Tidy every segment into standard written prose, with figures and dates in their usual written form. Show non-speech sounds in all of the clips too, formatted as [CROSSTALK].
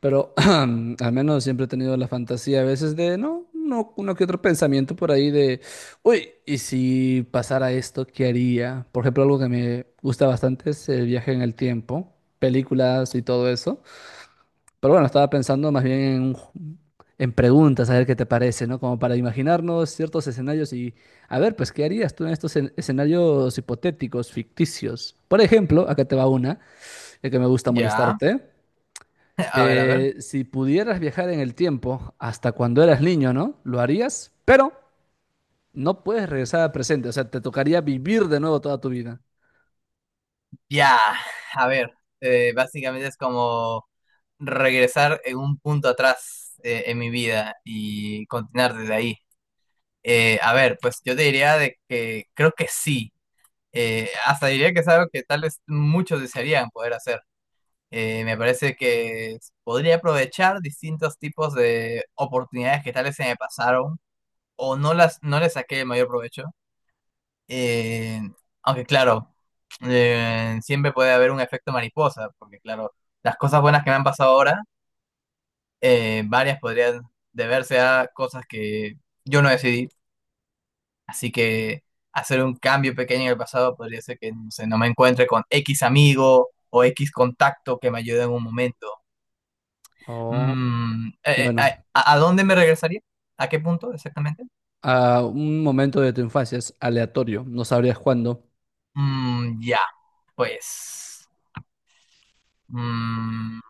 Pero [CLEARS THROAT] al menos siempre he tenido la fantasía a veces de, no, no, uno que otro pensamiento por ahí de, uy, ¿y si pasara esto, qué haría? Por ejemplo, algo que me gusta bastante es el viaje en el tiempo, películas y todo eso. Pero bueno, estaba pensando más bien en, en preguntas, a ver qué te parece, ¿no? Como para imaginarnos ciertos escenarios y, a ver, pues, ¿qué harías tú en escenarios hipotéticos, ficticios? Por ejemplo, acá te va una, ya que me gusta Ya, molestarte. [LAUGHS] a ver, a ver. Si pudieras viajar en el tiempo hasta cuando eras niño, ¿no? Lo harías, pero no puedes regresar al presente. O sea, te tocaría vivir de nuevo toda tu vida. Ya, a ver. Básicamente es como regresar en un punto atrás en mi vida y continuar desde ahí. A ver, pues yo te diría de que creo que sí. Hasta diría que es algo que tal vez muchos desearían poder hacer. Me parece que podría aprovechar distintos tipos de oportunidades que tal vez se me pasaron o no les saqué el mayor provecho. Eh, aunque claro, siempre puede haber un efecto mariposa, porque claro, las cosas buenas que me han pasado ahora, varias podrían deberse a cosas que yo no decidí, así que hacer un cambio pequeño en el pasado podría ser que no sé, no me encuentre con X amigo o X contacto que me ayude en un momento. Oh, Mm, eh, eh, bueno, ¿A dónde me regresaría? ¿A qué punto exactamente? a un momento de tu infancia es aleatorio. No sabrías cuándo. Mm, ya, pues... mm,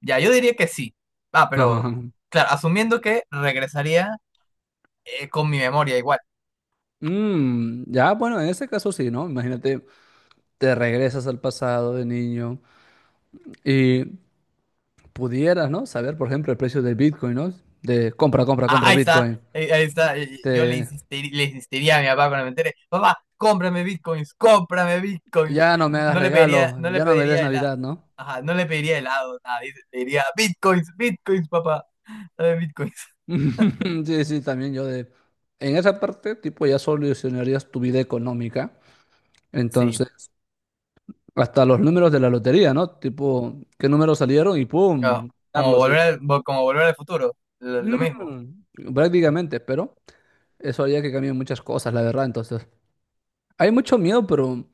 ya, yo diría que sí. Ah, [LAUGHS] pero, Ajá. claro, asumiendo que regresaría con mi memoria igual. Mm, ya, bueno, en ese caso sí, ¿no? Imagínate, te regresas al pasado de niño y pudieras, ¿no? Saber, por ejemplo, el precio del Bitcoin, ¿no? De compra, compra, Ah, compra ahí está, Bitcoin. Ahí está. Yo Te, le insistiría a mi papá cuando me entere, papá, cómprame bitcoins, cómprame bitcoins. ya no me hagas No le pediría, regalos, no le ya no me des pediría helado. Navidad, ¿no? Ajá, no le pediría helado, nada, dice, le diría bitcoins, bitcoins, papá, dame bitcoins. [LAUGHS] [LAUGHS] Sí, sí, también yo de... En esa parte, tipo, ya solucionarías tu vida económica. Sí, Entonces, hasta los números de la lotería, ¿no? Tipo, ¿qué números salieron? Y ah, ¡pum! como Carlos, y... volver al, como volver al futuro, lo Mm, mismo. prácticamente, pero eso haría que cambien muchas cosas, la verdad. Entonces, hay mucho miedo, pero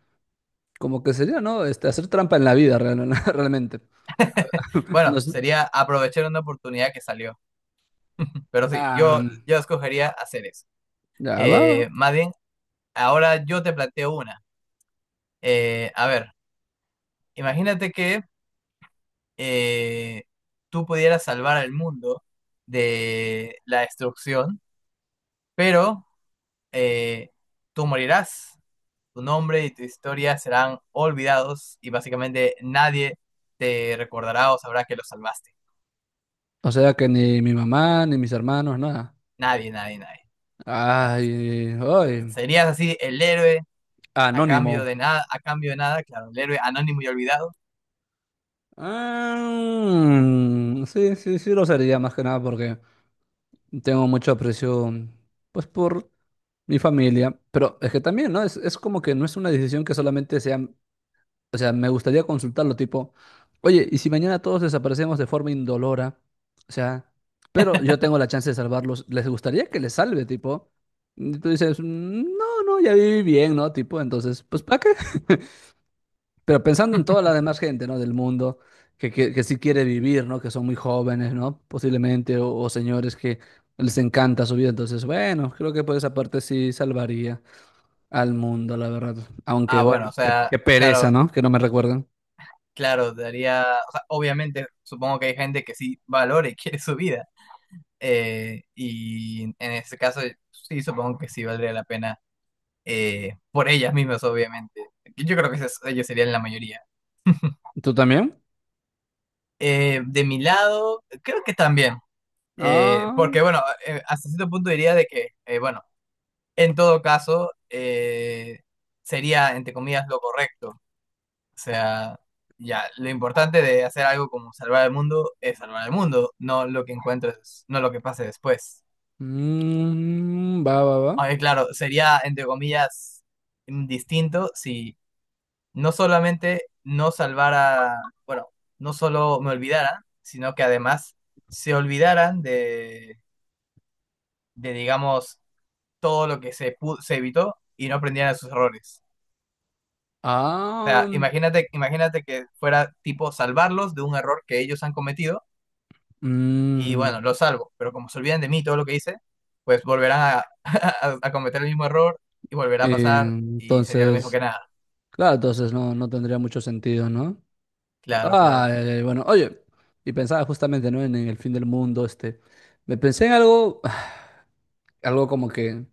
como que sería, ¿no? Este, hacer trampa en la vida, [LAUGHS] realmente. Bueno, No sé. sería aprovechar una oportunidad que salió. Pero sí, Ah, yo escogería hacer eso. ya va. Va. Más bien, ahora yo te planteo una. A ver, imagínate que eh, tú pudieras salvar al mundo de la destrucción, pero eh, tú morirás, tu nombre y tu historia serán olvidados y básicamente nadie te recordará o sabrá que lo salvaste. O sea que ni mi mamá, ni mis hermanos, nada. Nadie, nadie, nadie. O sea, Ay, ay, serías así el héroe a anónimo. cambio de nada, a cambio de nada, claro, el héroe anónimo y olvidado. Ah, sí, sí, sí lo sería más que nada porque tengo mucho aprecio, pues, por mi familia. Pero es que también, ¿no? Es como que no es una decisión que solamente sea, o sea, me gustaría consultarlo, tipo, oye, ¿y si mañana todos desaparecemos de forma indolora? O sea, pero yo tengo la chance de salvarlos. ¿Les gustaría que les salve, tipo? Y tú dices, "Mm, no, no, ya viví bien, ¿no? Tipo, entonces, pues, ¿para qué? [LAUGHS] Pero pensando en toda la [LAUGHS] demás gente, ¿no? Del mundo, que sí quiere vivir, ¿no? Que son muy jóvenes, ¿no? Posiblemente, o señores que les encanta su vida. Entonces, bueno, creo que por esa parte sí salvaría al mundo, la verdad. Aunque, Ah, bueno, bueno, o qué, sea, qué pereza, claro, ¿no? Que no me recuerdan. claro, daría, o sea, obviamente supongo que hay gente que sí valora y [LAUGHS] quiere su vida. Y en ese caso, sí, supongo que sí valdría la pena por ellas mismas, obviamente. Yo creo que ellos serían la mayoría. ¿Tú también? De mi lado, creo que también. Ah, Porque bueno, hasta cierto punto diría de que, bueno, en todo caso, sería, entre comillas, lo correcto. O sea, ya, lo importante de hacer algo como salvar el mundo es salvar el mundo, no lo que encuentres, no lo que pase después. mm, va, va, va. Aunque claro, sería, entre comillas, distinto si no solamente no salvara, bueno, no solo me olvidara, sino que además se olvidaran de digamos, todo lo que se evitó y no aprendieran de sus errores. O Ah, sea, imagínate, imagínate que fuera tipo salvarlos de un error que ellos han cometido y mm, bueno, lo salvo, pero como se olvidan de mí todo lo que hice, pues volverán a, [LAUGHS] a cometer el mismo error y volverá a pasar y sería lo mismo entonces, que nada. claro, entonces no, no tendría mucho sentido, ¿no? Claro, Ah, claro. ya, ya, bueno, oye, y pensaba justamente, ¿no? En el fin del mundo, este, me pensé en algo, [SIGHS] algo como que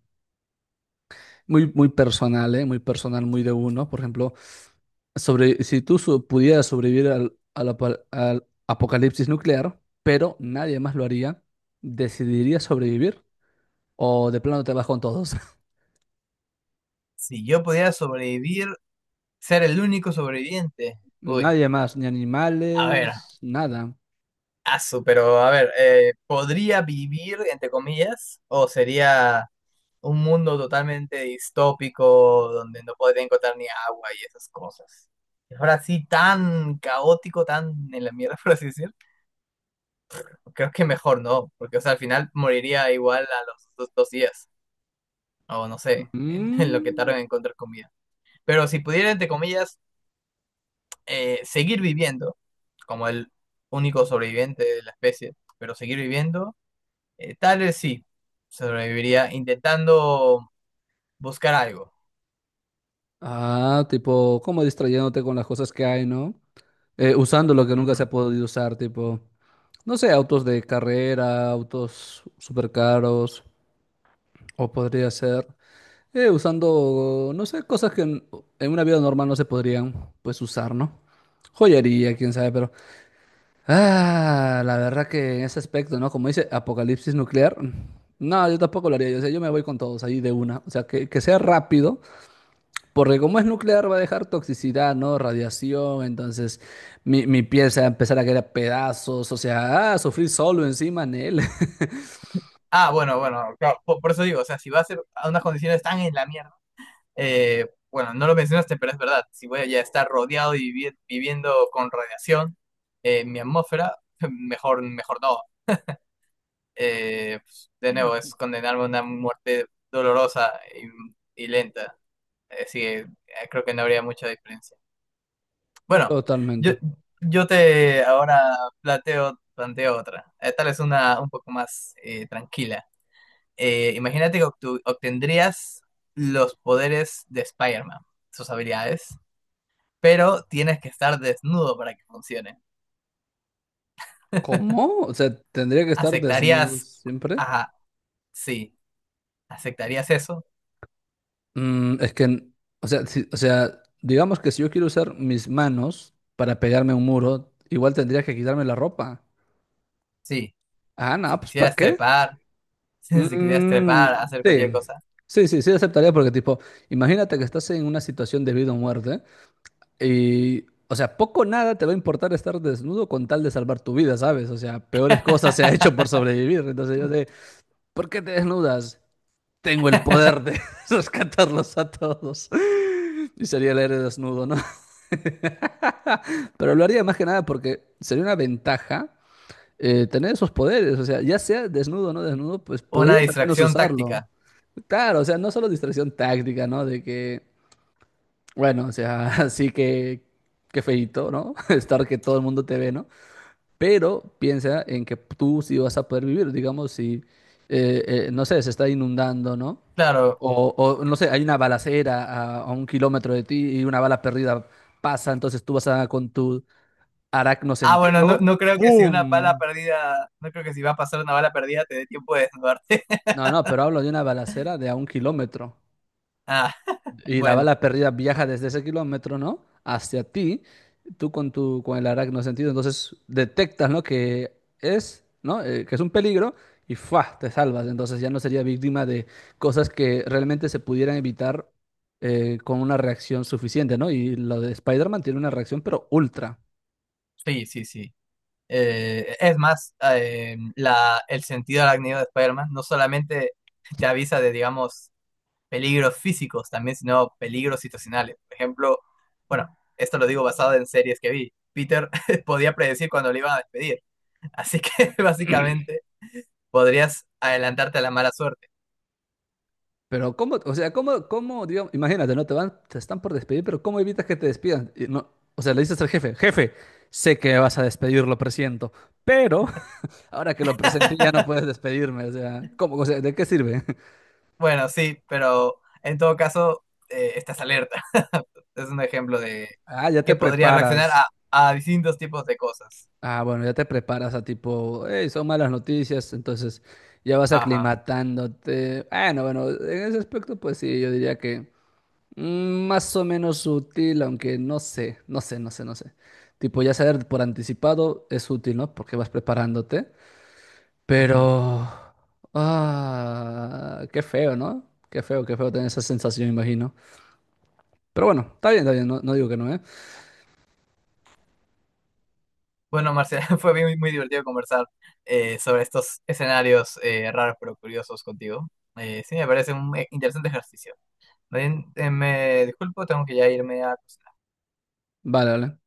muy, muy personal, ¿eh? Muy personal, muy de uno, por ejemplo, sobre, si tú so- pudieras sobrevivir al apocalipsis nuclear, pero nadie más lo haría, ¿decidirías sobrevivir o de plano te vas con todos? [LAUGHS] Si yo pudiera sobrevivir, ser el único sobreviviente. Uy, Nadie más, ni a ver, animales, nada. asu, pero a ver, ¿podría vivir, entre comillas, o sería un mundo totalmente distópico donde no podría encontrar ni agua y esas cosas? Ahora sí, tan caótico, tan en la mierda, [LAUGHS] por así decirlo. Creo que mejor no, porque o sea, al final moriría igual a los dos, dos días, o no sé, en, [LAUGHS] en lo que tardan Mm. en encontrar comida. Pero si pudiera, entre comillas, seguir viviendo, como el único sobreviviente de la especie, pero seguir viviendo, tal vez sí, sobreviviría intentando buscar algo. Ah, tipo, como distrayéndote con las cosas que hay, ¿no? Usando lo que nunca se Ujú. ha podido usar, tipo, no sé, autos de carrera, autos súper caros, o podría ser usando, no sé, cosas que en una vida normal no se podrían, pues, usar, ¿no? Joyería, quién sabe, pero... Ah, la verdad que en ese aspecto, ¿no? Como dice, apocalipsis nuclear. No, yo tampoco lo haría. Yo, o sea, yo me voy con todos ahí de una. O sea, que sea rápido porque como es nuclear va a dejar toxicidad, ¿no? Radiación, entonces mi piel se va a empezar a caer a pedazos, o sea, ah, sufrir solo encima en él. Ah, bueno, bueno, claro, por eso digo, o sea, si va a ser a unas condiciones tan en la mierda, bueno, no lo mencionaste, pero es verdad. Si voy a estar rodeado y viviendo con radiación, mi atmósfera, [LAUGHS] mejor, mejor no. Pues, de nuevo, es [LAUGHS] condenarme a una muerte dolorosa y lenta. Así que creo que no habría mucha diferencia. Bueno, yo, Totalmente. yo te ahora planteo, planteo otra. Tal es una un poco más tranquila. Imagínate que obtendrías los poderes de Spider-Man, sus habilidades pero tienes que estar desnudo para que funcione. ¿Cómo? O sea, tendría que estar desnudo ¿Aceptarías? siempre. Ajá, sí. ¿Aceptarías eso? Mm, es que, o sea, o sea, digamos que si yo quiero usar mis manos para pegarme a un muro, igual tendría que quitarme la ropa. Sí. Ah, no, Si pues ¿para quisieras qué? trepar, [LAUGHS] si quisieras Mm, trepar, hacer cualquier sí, cosa. sí, sí, sí aceptaría porque tipo, imagínate que estás en una situación de vida o muerte. Y, o sea, poco o nada te va a importar estar desnudo con tal de salvar tu vida, ¿sabes? O sea, peores cosas se ha hecho [LAUGHS] por sobrevivir. Entonces yo sé, ¿por qué te desnudas? Tengo el poder de [LAUGHS] rescatarlos a todos. Y sería el héroe desnudo, ¿no? [LAUGHS] Pero lo haría más que nada porque sería una ventaja tener esos poderes. O sea, ya sea desnudo o no desnudo, pues Una podrías al menos distracción usarlo. táctica. Claro, o sea, no solo distracción táctica, ¿no? De que bueno, o sea, [LAUGHS] así que qué feíto, ¿no? [LAUGHS] Estar que todo el mundo te ve, ¿no? Pero piensa en que tú sí vas a poder vivir, digamos, si, eh, no sé, se está inundando, ¿no? Claro. No sé, hay una balacera a un kilómetro de ti y una bala perdida pasa, entonces tú vas a, con tu aracno Ah, bueno, no, sentido, no creo que si una bala ¡pum! perdida, no creo que si va a pasar una bala perdida te dé tiempo de desnudarte. [LAUGHS] No, no, pero hablo de una balacera de a un kilómetro. Ah, Y la bueno, bala perdida viaja desde ese kilómetro, ¿no? Hacia ti, tú con tu, con el arácnido sentido, entonces detectas, ¿no? Que es, ¿no? Que es un peligro y ¡fua! Te salvas. Entonces ya no sería víctima de cosas que realmente se pudieran evitar con una reacción suficiente, ¿no? Y lo de Spider-Man tiene una reacción, pero ultra. sí, sí, sí. Es más, la, el sentido arácnido de Spider-Man no solamente te avisa de, digamos, peligros físicos también, sino peligros situacionales. Por ejemplo, bueno, esto lo digo basado en series que vi. Peter [LAUGHS] podía predecir cuando le iban a despedir, así que [LAUGHS] básicamente podrías adelantarte a la mala suerte. Pero cómo, o sea, cómo, cómo, digamos, imagínate, ¿no? Te van, te están por despedir, pero ¿cómo evitas que te despidan? Y no, o sea, le dices al jefe, jefe, sé que me vas a despedir, lo presiento, pero ahora que lo presenté ya no [LAUGHS] puedes despedirme, o sea, ¿cómo? O sea, ¿de qué sirve? [LAUGHS] Bueno, sí, pero en todo caso, estás alerta. [LAUGHS] Es un ejemplo de Ah, ya te que podría reaccionar preparas. A distintos tipos de cosas. Ah, bueno, ya te preparas a tipo, hey, son malas noticias, entonces ya vas Ajá. aclimatándote. Bueno, bueno, en ese aspecto pues sí, yo diría que mm, más o menos útil, aunque no sé, no sé, no sé, no sé. Tipo, ya saber por anticipado es útil, ¿no? Porque vas preparándote, Ujú. pero... Ah, qué feo, ¿no? Qué feo tener esa sensación, imagino. Pero bueno, está bien, no, no digo que no, ¿eh? Bueno, Marcela, [LAUGHS] fue muy, muy divertido conversar sobre estos escenarios raros pero curiosos contigo. Sí, me parece un interesante ejercicio. Bien, me disculpo, tengo que ya irme a acostar. Vale, vale.